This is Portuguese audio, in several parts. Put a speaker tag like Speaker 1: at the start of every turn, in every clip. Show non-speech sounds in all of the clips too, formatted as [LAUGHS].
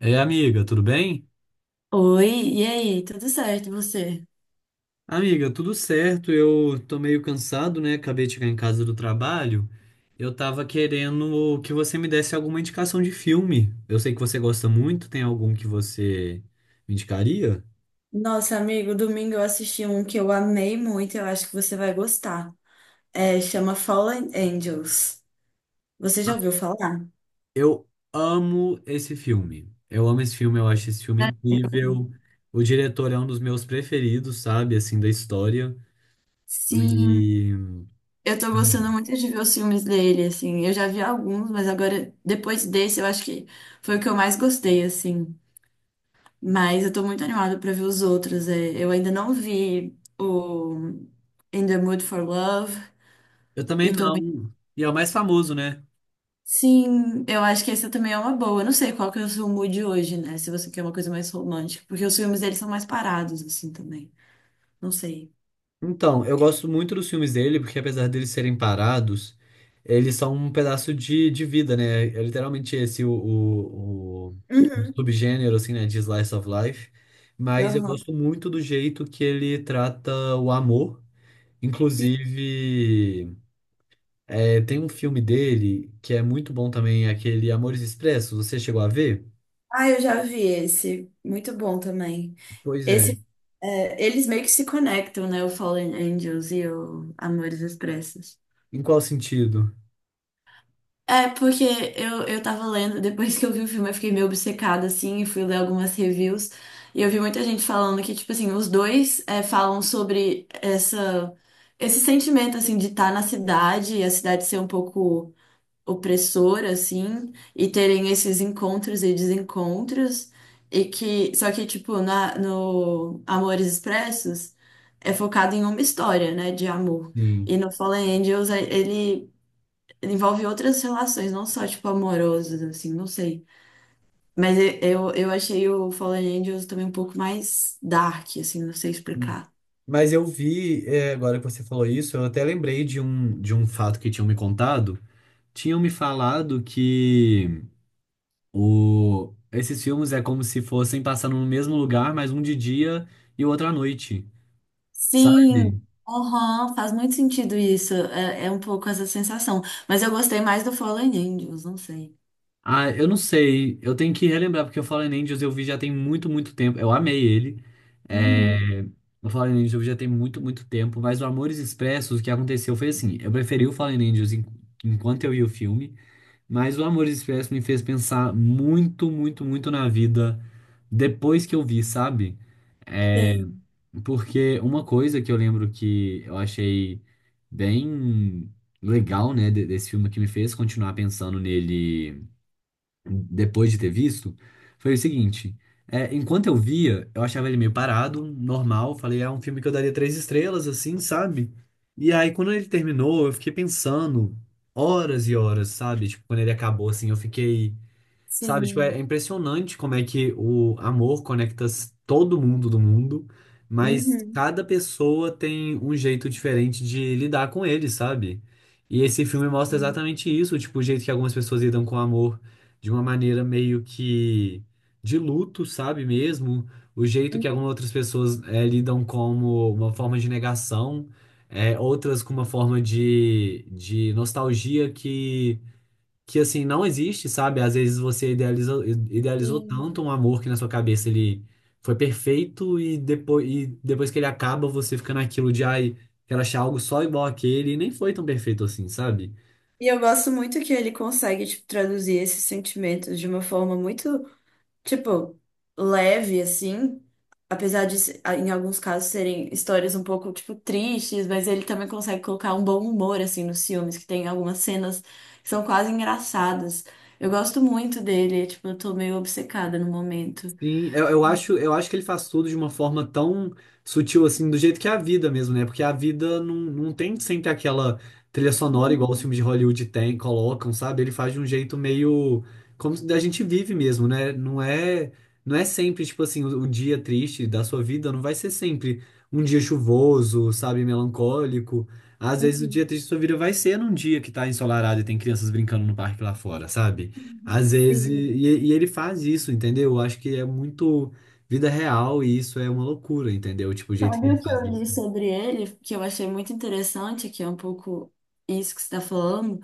Speaker 1: É, amiga, tudo bem?
Speaker 2: Oi, e aí? Tudo certo, e você?
Speaker 1: Amiga, tudo certo. Eu tô meio cansado, né? Acabei de chegar em casa do trabalho. Eu tava querendo que você me desse alguma indicação de filme. Eu sei que você gosta muito. Tem algum que você me indicaria?
Speaker 2: Nossa, amigo, domingo eu assisti um que eu amei muito, eu acho que você vai gostar. É, chama Fallen Angels. Você já ouviu falar?
Speaker 1: Eu amo esse filme. Eu amo esse filme, eu acho esse filme
Speaker 2: Né?
Speaker 1: incrível. O diretor é um dos meus preferidos, sabe? Assim, da história.
Speaker 2: Sim,
Speaker 1: E
Speaker 2: eu tô gostando muito de ver os filmes dele, assim. Eu já vi alguns, mas agora, depois desse, eu acho que foi o que eu mais gostei, assim. Mas eu tô muito animada pra ver os outros. É. Eu ainda não vi o In the Mood for Love.
Speaker 1: eu também
Speaker 2: E tô muito.
Speaker 1: não. E é o mais famoso, né?
Speaker 2: Sim, eu acho que essa também é uma boa. Eu não sei qual que é o seu mood hoje, né? Se você quer uma coisa mais romântica, porque os filmes deles são mais parados, assim, também. Não sei.
Speaker 1: Então, eu gosto muito dos filmes dele, porque apesar deles serem parados, eles são um pedaço de vida, né? É literalmente esse o
Speaker 2: Uhum.
Speaker 1: subgênero, assim, né, de slice of life. Mas eu
Speaker 2: Aham.
Speaker 1: gosto muito do jeito que ele trata o amor.
Speaker 2: E-
Speaker 1: Inclusive, é, tem um filme dele que é muito bom também, é aquele Amores Expressos. Você chegou a ver?
Speaker 2: Ah, eu já vi esse. Muito bom também.
Speaker 1: Pois é.
Speaker 2: Esse, é, eles meio que se conectam, né? O Fallen Angels e o Amores Expressos.
Speaker 1: Em qual sentido?
Speaker 2: É, porque eu tava lendo, depois que eu vi o filme, eu fiquei meio obcecada, assim, e fui ler algumas reviews. E eu vi muita gente falando que, tipo assim, os dois é, falam sobre essa, esse sentimento, assim, de estar na cidade e a cidade ser um pouco opressora, assim, e terem esses encontros e desencontros. E que, só que, tipo, no Amores Expressos é focado em uma história, né, de amor.
Speaker 1: Sim.
Speaker 2: E no Fallen Angels, ele envolve outras relações, não só, tipo, amorosas, assim, não sei. Mas eu achei o Fallen Angels também um pouco mais dark, assim, não sei explicar.
Speaker 1: Mas eu vi, é, agora que você falou isso, eu até lembrei de um, fato que tinham me contado. Tinham me falado que o, esses filmes é como se fossem passando no mesmo lugar, mas um de dia e o outro à noite,
Speaker 2: Sim,
Speaker 1: sabe?
Speaker 2: aham, faz muito sentido isso. É, é um pouco essa sensação. Mas eu gostei mais do Fallen Angels, não sei.
Speaker 1: Ah, eu não sei, eu tenho que relembrar, porque o Fallen Angels eu vi já tem muito, muito tempo. Eu amei ele. É,
Speaker 2: Uhum,
Speaker 1: o Fallen Angels eu vi já tem muito, muito tempo, mas o Amores Expressos, o que aconteceu foi assim: eu preferi o Fallen Angels enquanto eu vi o filme. Mas o Amores Expressos me fez pensar muito, muito, muito na vida depois que eu vi, sabe? É,
Speaker 2: tem,
Speaker 1: porque uma coisa que eu lembro que eu achei bem legal, né, desse filme que me fez continuar pensando nele depois de ter visto, foi o seguinte. É, enquanto eu via, eu achava ele meio parado, normal. Falei, é um filme que eu daria três estrelas, assim, sabe? E aí, quando ele terminou, eu fiquei pensando horas e horas, sabe? Tipo, quando ele acabou, assim, eu fiquei. Sabe, tipo, é
Speaker 2: sim.
Speaker 1: é impressionante como é que o amor conecta todo mundo do mundo, mas
Speaker 2: Uhum.
Speaker 1: cada pessoa tem um jeito diferente de lidar com ele, sabe? E esse filme mostra exatamente isso, tipo, o jeito que algumas pessoas lidam com o amor de uma maneira meio que de luto, sabe mesmo? O jeito que algumas outras pessoas eh, lidam como uma forma de negação, eh, outras com uma forma de nostalgia que assim não existe, sabe? Às vezes você idealizou, idealizou
Speaker 2: Sim.
Speaker 1: tanto um amor que na sua cabeça ele foi perfeito e depois que ele acaba, você fica naquilo de ai, quero achar algo só igual àquele e nem foi tão perfeito assim, sabe?
Speaker 2: E eu gosto muito que ele consegue, tipo, traduzir esses sentimentos de uma forma muito, tipo, leve, assim. Apesar de, em alguns casos, serem histórias um pouco, tipo, tristes, mas ele também consegue colocar um bom humor, assim, nos filmes, que tem algumas cenas que são quase engraçadas. Eu gosto muito dele, é, tipo, eu tô meio obcecada no momento.
Speaker 1: Sim, eu acho que ele faz tudo de uma forma tão sutil assim, do jeito que é a vida mesmo, né? Porque a vida não tem sempre aquela trilha sonora igual os
Speaker 2: Uhum,
Speaker 1: filmes de Hollywood tem, colocam, sabe? Ele faz de um jeito meio como a gente vive mesmo, né? Não é sempre, tipo assim, o dia triste da sua vida não vai ser sempre um dia chuvoso, sabe, melancólico. Às vezes o
Speaker 2: uhum.
Speaker 1: dia triste da sua vida vai ser num dia que tá ensolarado e tem crianças brincando no parque lá fora, sabe? Às vezes,
Speaker 2: Sim.
Speaker 1: e ele faz isso, entendeu? Eu acho que é muito vida real e isso é uma loucura, entendeu? Tipo, o jeito que
Speaker 2: Sabe
Speaker 1: ele
Speaker 2: o que eu
Speaker 1: faz
Speaker 2: li
Speaker 1: isso.
Speaker 2: sobre ele, que eu achei muito interessante, que é um pouco isso que você está falando,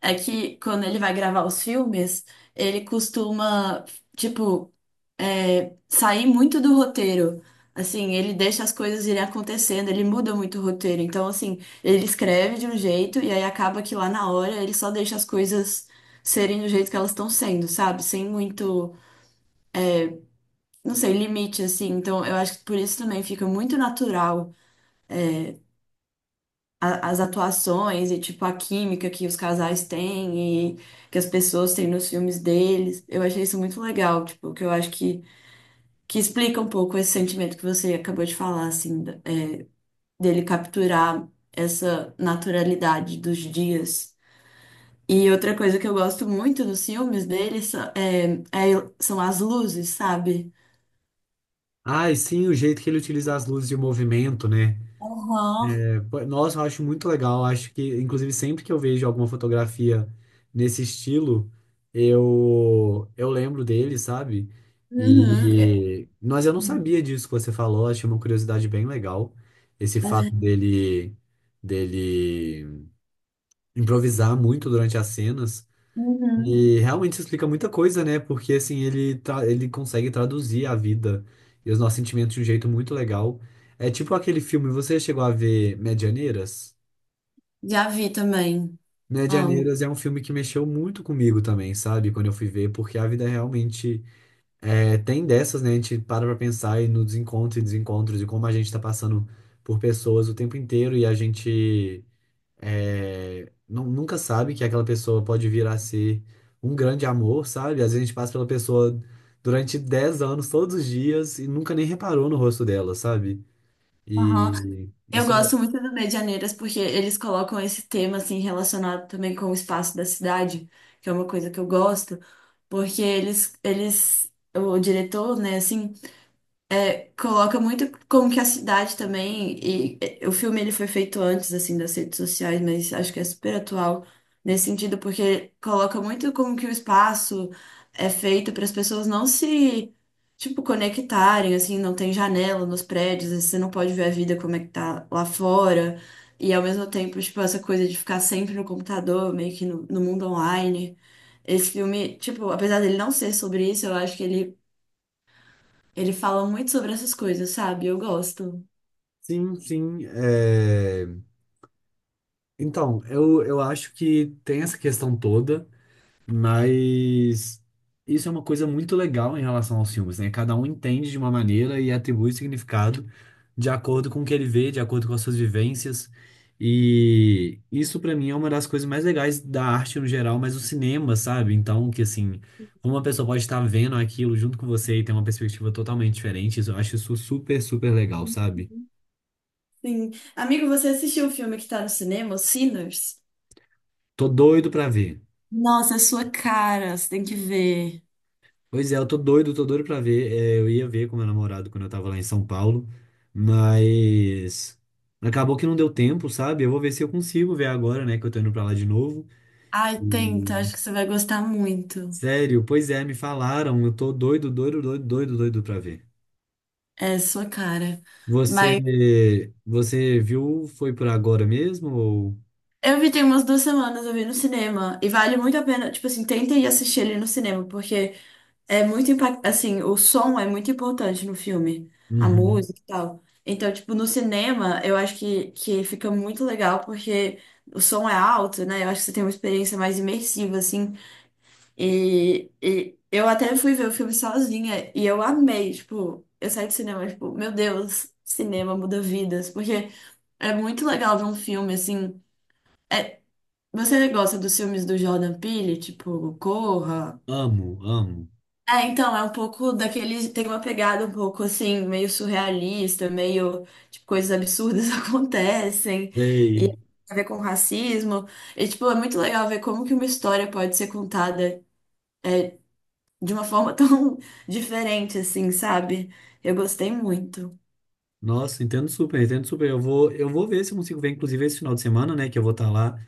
Speaker 2: é que quando ele vai gravar os filmes, ele costuma, tipo, é, sair muito do roteiro. Assim, ele deixa as coisas irem acontecendo, ele muda muito o roteiro. Então, assim, ele escreve de um jeito e aí acaba que lá na hora ele só deixa as coisas serem do jeito que elas estão sendo, sabe? Sem muito, não sei, limite, assim. Então, eu acho que por isso também fica muito natural as atuações e, tipo, a química que os casais têm e que as pessoas têm nos filmes deles. Eu achei isso muito legal, tipo, que eu acho que explica um pouco esse sentimento que você acabou de falar, assim, dele capturar essa naturalidade dos dias. E outra coisa que eu gosto muito nos filmes deles são, é, é- são as luzes, sabe?
Speaker 1: Ah, e sim, o jeito que ele utiliza as luzes de movimento, né?
Speaker 2: Aham.
Speaker 1: É, pô, nossa, eu acho muito legal. Eu acho que, inclusive, sempre que eu vejo alguma fotografia nesse estilo, eu lembro dele, sabe?
Speaker 2: Uhum.
Speaker 1: E, mas eu não sabia disso que você falou, achei uma curiosidade bem legal. Esse fato
Speaker 2: É,
Speaker 1: dele, dele improvisar muito durante as cenas.
Speaker 2: uhum.
Speaker 1: E realmente isso explica muita coisa, né? Porque assim, ele consegue traduzir a vida e os nossos sentimentos de um jeito muito legal. É tipo aquele filme, você chegou a ver Medianeiras?
Speaker 2: Já vi também. Amo.
Speaker 1: Medianeiras é um filme que mexeu muito comigo também, sabe? Quando eu fui ver, porque a vida realmente é, tem dessas, né? A gente para pra pensar e nos encontros e desencontros e como a gente tá passando por pessoas o tempo inteiro e a gente nunca sabe que aquela pessoa pode vir a ser um grande amor, sabe? Às vezes a gente passa pela pessoa durante 10 anos, todos os dias, e nunca nem reparou no rosto dela, sabe?
Speaker 2: Aham.
Speaker 1: E
Speaker 2: Eu
Speaker 1: isso é.
Speaker 2: gosto muito do Medianeiras porque eles colocam esse tema assim relacionado também com o espaço da cidade, que é uma coisa que eu gosto, porque eles o diretor, né, assim, coloca muito como que a cidade também, e eh, o filme ele foi feito antes assim das redes sociais, mas acho que é super atual nesse sentido, porque coloca muito como que o espaço é feito para as pessoas não se, tipo, conectarem, assim, não tem janela nos prédios, você não pode ver a vida como é que tá lá fora. E ao mesmo tempo, tipo, essa coisa de ficar sempre no computador, meio que no mundo online. Esse filme, tipo, apesar dele não ser sobre isso, eu acho que ele fala muito sobre essas coisas, sabe? Eu gosto.
Speaker 1: Sim, sim. É, então, eu acho que tem essa questão toda. Mas isso é uma coisa muito legal em relação aos filmes, né? Cada um entende de uma maneira e atribui significado de acordo com o que ele vê, de acordo com as suas vivências. E isso pra mim é uma das coisas mais legais da arte no geral, mas o cinema, sabe? Então, que assim, como uma pessoa pode estar vendo aquilo junto com você e ter uma perspectiva totalmente diferente, isso- eu acho isso super, super legal, sabe?
Speaker 2: Sim. Amigo, você assistiu o filme que tá no cinema, o Sinners?
Speaker 1: Tô doido pra ver.
Speaker 2: Nossa, é sua cara, você tem que ver.
Speaker 1: Pois é, eu tô doido pra ver. É, eu ia ver com meu namorado quando eu tava lá em São Paulo, mas acabou que não deu tempo, sabe? Eu vou ver se eu consigo ver agora, né, que eu tô indo pra lá de novo.
Speaker 2: Ai, tenta,
Speaker 1: E,
Speaker 2: acho que você vai gostar muito.
Speaker 1: sério, pois é, me falaram, eu tô doido, doido, doido, doido, doido pra ver.
Speaker 2: É sua cara. Mas
Speaker 1: Você, você viu, foi por agora mesmo ou...
Speaker 2: eu vi tem umas duas semanas, eu vi no cinema. E vale muito a pena, tipo assim, tenta ir assistir ele no cinema, porque é muito impactante, assim, o som é muito importante no filme, a
Speaker 1: Uhum.
Speaker 2: música e tal. Então, tipo, no cinema, eu acho que fica muito legal porque o som é alto, né? Eu acho que você tem uma experiência mais imersiva, assim. E eu até fui ver o filme sozinha e eu amei, tipo, eu saí do cinema, tipo, meu Deus, cinema muda vidas, porque é muito legal ver um filme, assim. é- Você gosta dos filmes do Jordan Peele, tipo, Corra?
Speaker 1: Amo, amo.
Speaker 2: É, então, é um pouco daquele. Tem uma pegada um pouco assim, meio surrealista, meio. Tipo, coisas absurdas [LAUGHS] acontecem. E
Speaker 1: Ei,
Speaker 2: tem a ver com racismo. E, tipo, é muito legal ver como que uma história pode ser contada de uma forma [LAUGHS] tão diferente, assim, sabe? Eu gostei muito.
Speaker 1: nossa, entendo super, entendo super. Eu vou ver se eu consigo ver, inclusive, esse final de semana, né, que eu vou estar lá.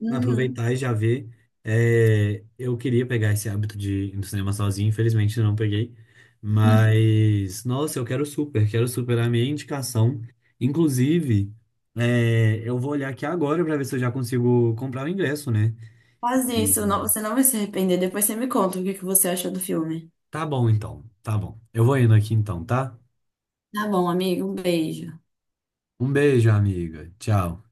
Speaker 2: Uhum.
Speaker 1: Aproveitar e já ver. É, eu queria pegar esse hábito de ir no cinema sozinho, infelizmente eu não peguei. Mas, nossa, eu quero super a minha indicação. Inclusive, é, eu vou olhar aqui agora para ver se eu já consigo comprar o ingresso, né?
Speaker 2: Faz
Speaker 1: E-
Speaker 2: isso, não- você não vai se arrepender. Depois você me conta o que que você achou do filme.
Speaker 1: Tá bom, então, tá bom. Eu vou indo aqui então, tá?
Speaker 2: Tá bom, amigo, um beijo.
Speaker 1: Um beijo, amiga. Tchau.